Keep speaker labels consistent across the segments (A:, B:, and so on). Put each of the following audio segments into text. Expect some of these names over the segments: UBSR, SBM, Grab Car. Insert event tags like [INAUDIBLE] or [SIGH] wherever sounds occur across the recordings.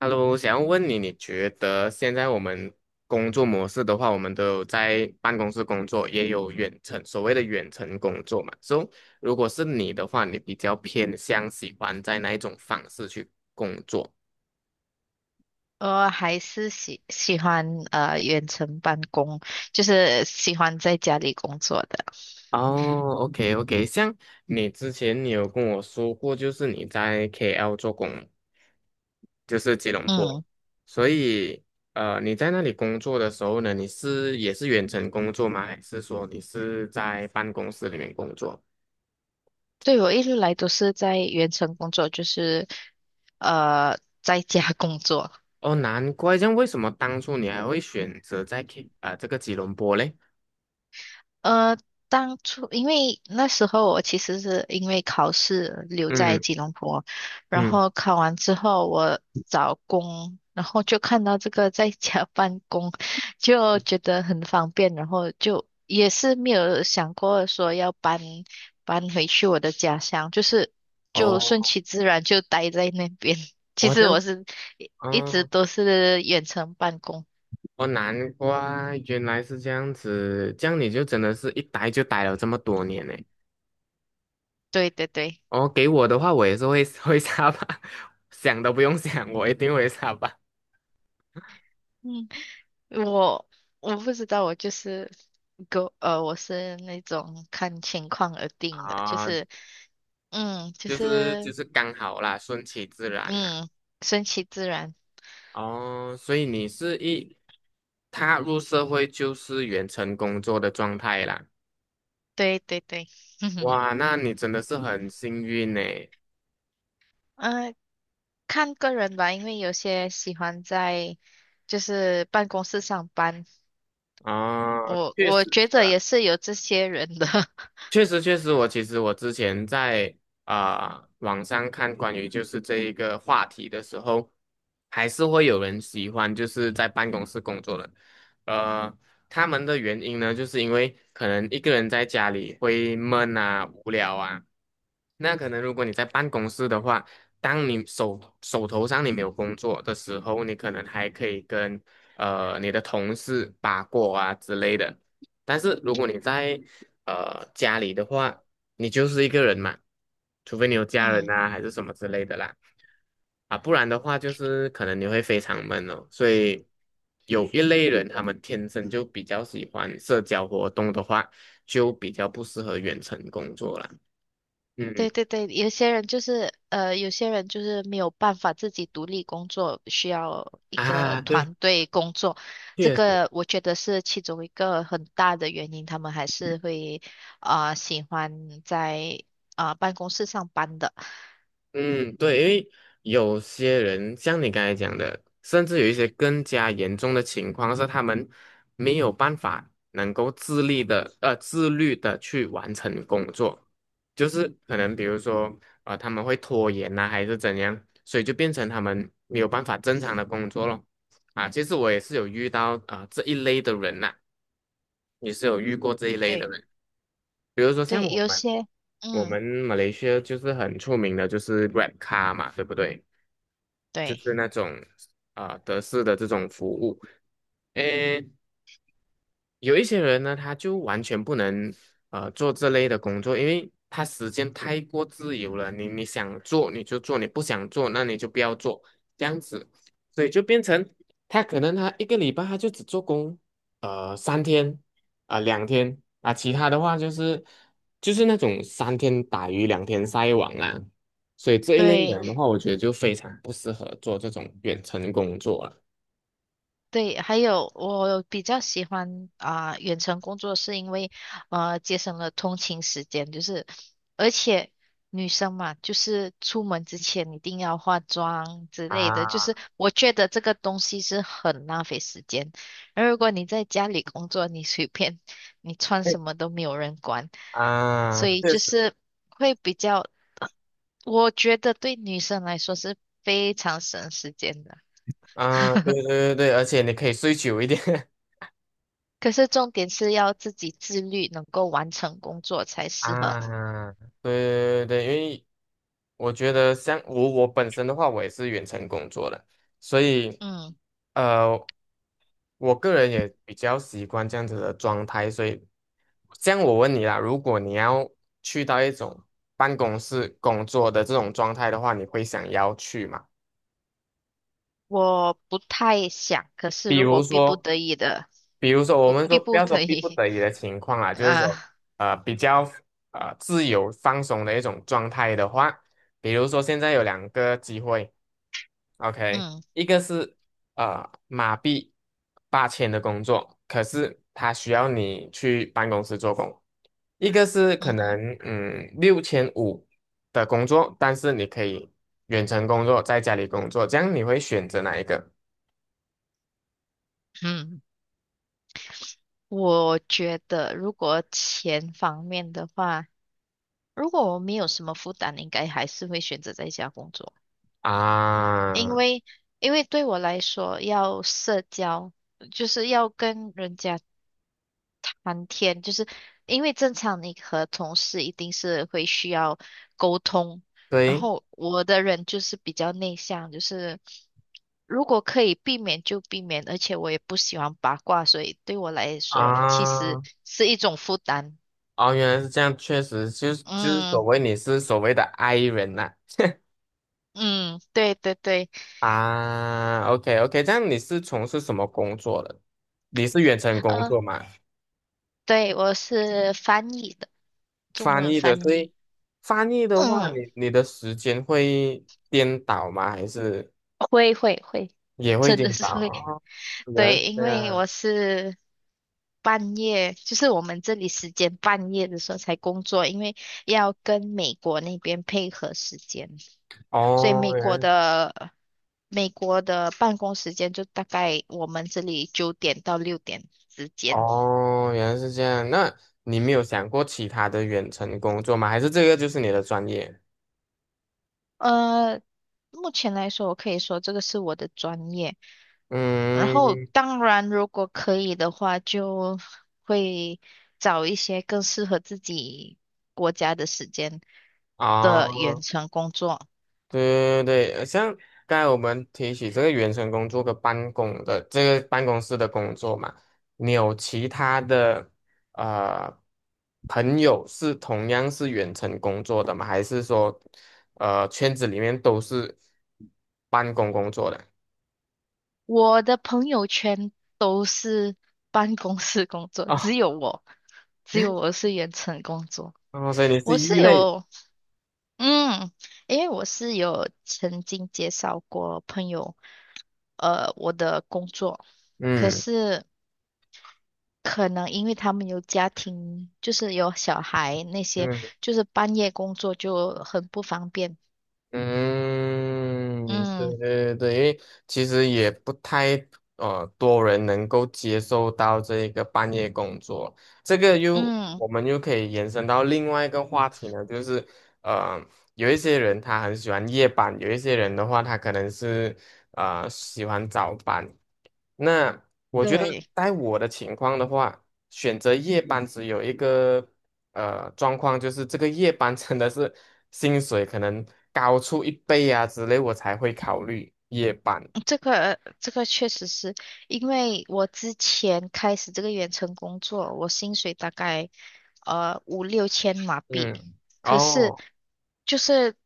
A: Hello，想要问你，你觉得现在我们工作模式的话，我们都有在办公室工作，也有远程，所谓的远程工作嘛。So，如果是你的话，你比较偏向喜欢在哪一种方式去工作？
B: 还是喜欢远程办公，就是喜欢在家里工作的。
A: 哦，OK OK，像你之前有跟我说过，就是你在 KL 做工嘛就是吉隆坡，
B: 嗯，
A: 所以你在那里工作的时候呢，也是远程工作吗？还是说你是在办公室里面工作？
B: 对，我一直来都是在远程工作，就是在家工作。
A: 哦，难怪，这样为什么当初你还会选择在 这个吉隆坡嘞？
B: 呃，当初因为那时候我其实是因为考试留在
A: 嗯
B: 吉隆坡，然
A: 嗯，
B: 后考完之后我找工，然后就看到这个在家 [LAUGHS] 办公，就觉得很方便，然后就也是没有想过说要搬回去我的家乡，就是就
A: 哦，
B: 顺其自然就待在那边。[LAUGHS] 其
A: 哦这
B: 实
A: 样，
B: 我是一直
A: 哦
B: 都是远程办公，
A: 哦，难怪原来是这样子，这样你就真的是一待就待了这么多年呢。
B: 对对对，
A: 哦，给我的话，我也是会 [LAUGHS] 会沙巴，[LAUGHS] 想都不用想，我一定会沙巴
B: 嗯，我。我不知道，我就是狗，我是那种看情况而定的，就
A: 啊，
B: 是，嗯，就
A: 就是就
B: 是，
A: 是刚好啦，顺其自然啦。
B: 嗯，顺其自然。
A: 哦，所以你是一踏入社会就是远程工作的状态啦。
B: 对对对，[LAUGHS] 嗯，
A: 哇，那你真的是很幸运呢。
B: 呃看个人吧，因为有些喜欢在就是办公室上班，
A: 啊，
B: 我
A: 确实
B: 我觉
A: 是
B: 得也是有这些人的，[LAUGHS]
A: 确实，确实，我其实之前在网上看关于就是这一个话题的时候，还是会有人喜欢就是在办公室工作的，呃，他们的原因呢，就是因为可能一个人在家里会闷啊、无聊啊，那可能如果你在办公室的话，当你手头上你没有工作的时候，你可能还可以跟你的同事八卦啊之类的。但是如果你在家里的话，你就是一个人嘛，除非你有家人
B: 嗯。
A: 啊，还是什么之类的啦，啊，不然的话就是可能你会非常闷哦。所以有一类人，他们天生就比较喜欢社交活动的话，就比较不适合远程工作啦。嗯
B: 对对对，有些人就是没有办法自己独立工作，需要一个
A: 啊，对，
B: 团队工作。这
A: 确实。
B: 个我觉得是其中一个很大的原因，他们还是会喜欢在办公室上班的。
A: 嗯，对，因为有些人像你刚才讲的，甚至有一些更加严重的情况是，他们没有办法能够自立的，呃，自律的去完成工作，就是可能比如说，啊，他们会拖延呐、还是怎样，所以就变成他们没有办法正常的工作咯。啊，其实我也是有遇到这一类的人呐、也是有遇过这一类的
B: 对，
A: 人，比如说像
B: 对，
A: 我
B: 有
A: 们，
B: 些
A: 我
B: 嗯，
A: 们马来西亚就是很出名的，就是 Grab Car 嘛，对不对？就是
B: 对
A: 那种德式的这种服务。诶，有一些人呢，他就完全不能做这类的工作，因为他时间太过自由了。你想做你就做，你不想做那你就不要做，这样子，所以就变成他可能他一个礼拜他就只做工三天啊、两天啊，其他的话就是那种三天打鱼两天晒网啊，所以这一类
B: 对。
A: 人的话，我觉得就非常不适合做这种远程工作了。
B: 对，还有我比较喜欢远程工作，是因为节省了通勤时间，就是而且女生嘛，就是出门之前一定要化妆之类的，就是
A: 啊，
B: 我觉得这个东西是很浪费时间。而如果你在家里工作，你随便你穿
A: 对
B: 什么都没有人管，
A: 啊，
B: 所以就是会比较，我觉得对女生来说是非常省时间的。
A: 啊，对对对对，而且你可以睡久一点
B: 可是重点是要自己自律，能够完成工作才
A: [LAUGHS]
B: 适合。
A: 啊，对对对，因为我觉得像我本身的话，我也是远程工作的，所以
B: 嗯，
A: 呃，我个人也比较习惯这样子的状态，所以像我问你啦，如果你要去到一种办公室工作的这种状态的话，你会想要去吗？
B: 我不太想，可是
A: 比
B: 如
A: 如
B: 果逼不
A: 说
B: 得已的，
A: 比如说,我
B: 不
A: 们说
B: 逼
A: 不
B: 不
A: 要说
B: 得
A: 逼不
B: 已
A: 得已的情况啊，
B: [LAUGHS]
A: 就是说，
B: 啊，
A: 比较自由放松的一种状态的话，比如说现在有两个机会，OK,
B: 嗯
A: 一个是马币8000的工作，可是它需要你去办公室做工；一个是可
B: 嗯哼
A: 能6500的工作，但是你可以远程工作，在家里工作，这样你会选择哪一个
B: 嗯，我觉得如果钱方面的话，如果我没有什么负担，应该还是会选择在家工作，因
A: 啊？
B: 为因为对我来说，要社交就是要跟人家谈天，就是因为正常你和同事一定是会需要沟通，然
A: 对。
B: 后我的人就是比较内向，就是如果可以避免就避免，而且我也不喜欢八卦，所以对我来说其实
A: 啊，
B: 是一种负担。
A: 哦，原来是这样，确实就是
B: 嗯
A: 你是所谓的 I 人呐、
B: 嗯，对对对，
A: 啊。OK OK,这样你是从事什么工作的？你是远程工
B: 呃，
A: 作吗？
B: 对，我是翻译的，中
A: 翻
B: 文
A: 译的，
B: 翻
A: 所
B: 译。
A: 以翻译的话，
B: 嗯，
A: 你的时间会颠倒吗？还是
B: 会会会，[LAUGHS]
A: 也会
B: 真的
A: 颠
B: 是
A: 倒？
B: 会。
A: 哦，原来
B: 对，
A: 是
B: 因
A: 这
B: 为我
A: 样，
B: 是半夜，就是我们这里时间半夜的时候才工作，因为要跟美国那边配合时间，所以
A: 哦，原来
B: 美国的办公时间就大概我们这里9点到6点之间。
A: 哦原来是这样。那你没有想过其他的远程工作吗？还是这个就是你的专业？
B: 呃，目前来说，我可以说这个是我的专业。然后，
A: 嗯。
B: 当然，如果可以的话，就会找一些更适合自己国家的时间的
A: 啊。
B: 远程工作。
A: 对对对，像刚才我们提起这个远程工作跟办公的这个办公室的工作嘛，你有其他的呃朋友是同样是远程工作的吗？还是说圈子里面都是办公工作的？
B: 我的朋友圈都是办公室工作，
A: 哦，
B: 只有
A: [LAUGHS]
B: 我是远程工作。
A: 哦，所以你是
B: 我
A: 异
B: 是
A: 类，
B: 有。嗯，因为我是有曾经介绍过朋友，我的工作，可
A: 嗯
B: 是可能因为他们有家庭，就是有小孩那些，
A: 嗯。
B: 就是半夜工作就很不方便。
A: 嗯，对
B: 嗯
A: 对对，因为其实也不太多人能够接受到这一个半夜工作，这个又
B: 嗯，
A: 我们又可以延伸到另外一个话题呢，就是呃有一些人他很喜欢夜班，有一些人的话他可能是喜欢早班。那我觉得
B: 对。
A: 在我的情况的话，选择夜班只有一个状况，就是这个夜班真的是薪水可能高出一倍啊之类，我才会考虑夜班。
B: 这个确实是因为我之前开始这个远程工作，我薪水大概五六千马币，
A: 嗯，
B: 可是
A: 哦，
B: 就是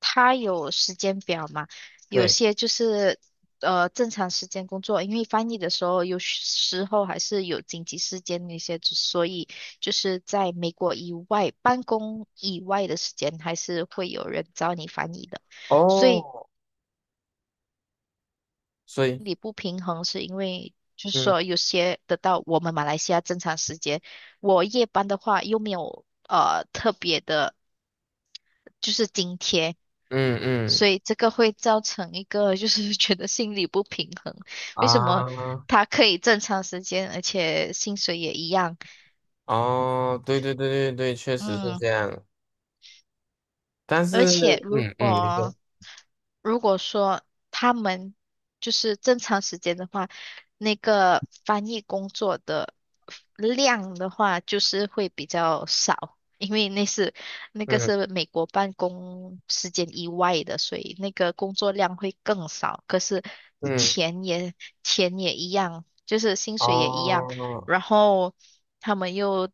B: 他有时间表嘛，有
A: 对，
B: 些就是正常时间工作，因为翻译的时候有时候还是有紧急事件那些，所以就是在美国以外办公以外的时间，还是会有人找你翻译的。所以
A: 哦，所以，
B: 心理不平衡是因为，就是说
A: 嗯
B: 有些得到我们马来西亚正常时间，我夜班的话又没有特别的，就是津贴，
A: 嗯嗯
B: 所以这个会造成一个就是 [LAUGHS] 觉得心理不平衡。为什么
A: 啊，
B: 他可以正常时间，而且薪水也一样？
A: 哦，对对对对对，确实是
B: 嗯，
A: 这样。但
B: 而
A: 是，
B: 且
A: 嗯嗯，没错，
B: 如果说他们就是正常时间的话，那个翻译工作的量的话，就是会比较少，因为那个
A: 嗯
B: 是美国办公时间以外的，所以那个工作量会更少。可是
A: 嗯，
B: 钱也钱也一样，就是薪水也一样，
A: 哦，
B: 然后他们又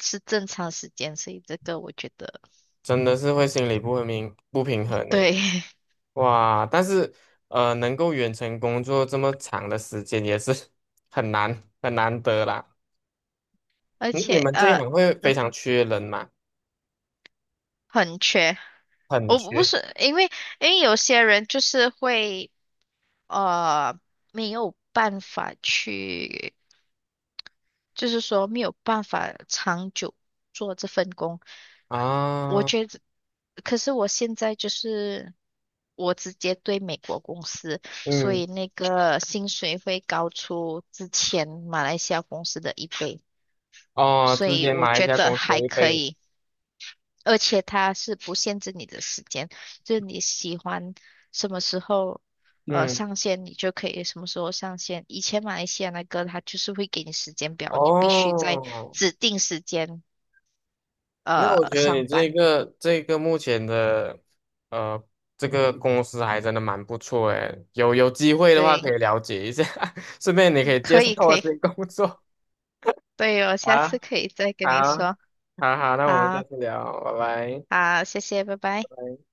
B: 是正常时间，所以这个我觉得
A: 真的是会心理不平衡呢。
B: 对。[LAUGHS]
A: 哇，但是能够远程工作这么长的时间也是 [LAUGHS] 很难得啦。
B: 而
A: 那你
B: 且
A: 们这一行会非常缺人吗？
B: 很缺。
A: 很
B: 我不
A: 缺
B: 是因为因为有些人就是会呃没有办法去，就是说没有办法长久做这份工。我
A: 啊，
B: 觉得，可是我现在就是我直接对美国公司，所
A: 嗯，
B: 以那个薪水会高出之前马来西亚公司的一倍，
A: 哦，
B: 所
A: 之
B: 以
A: 前
B: 我
A: 马一
B: 觉
A: 家
B: 得
A: 公司
B: 还
A: 会
B: 可
A: 被，
B: 以。而且它是不限制你的时间，就是你喜欢什么时候
A: 嗯，
B: 上线，你就可以什么时候上线。以前马来西亚那个它就是会给你时间表，你必须在
A: 哦，
B: 指定时间
A: 那我觉得
B: 上
A: 你这
B: 班。
A: 个这个目前的呃这个公司还真的蛮不错诶，有机会的话
B: 对，
A: 可以了解一下，[LAUGHS] 顺便你可以介
B: 可
A: 绍
B: 以可
A: 我
B: 以，
A: 这个工作
B: 对哦，下
A: 啊。
B: 次可以再跟你
A: 好，
B: 说。
A: 好好，那我们下
B: 好，
A: 次聊，拜拜。
B: 好，谢谢，拜拜。
A: 拜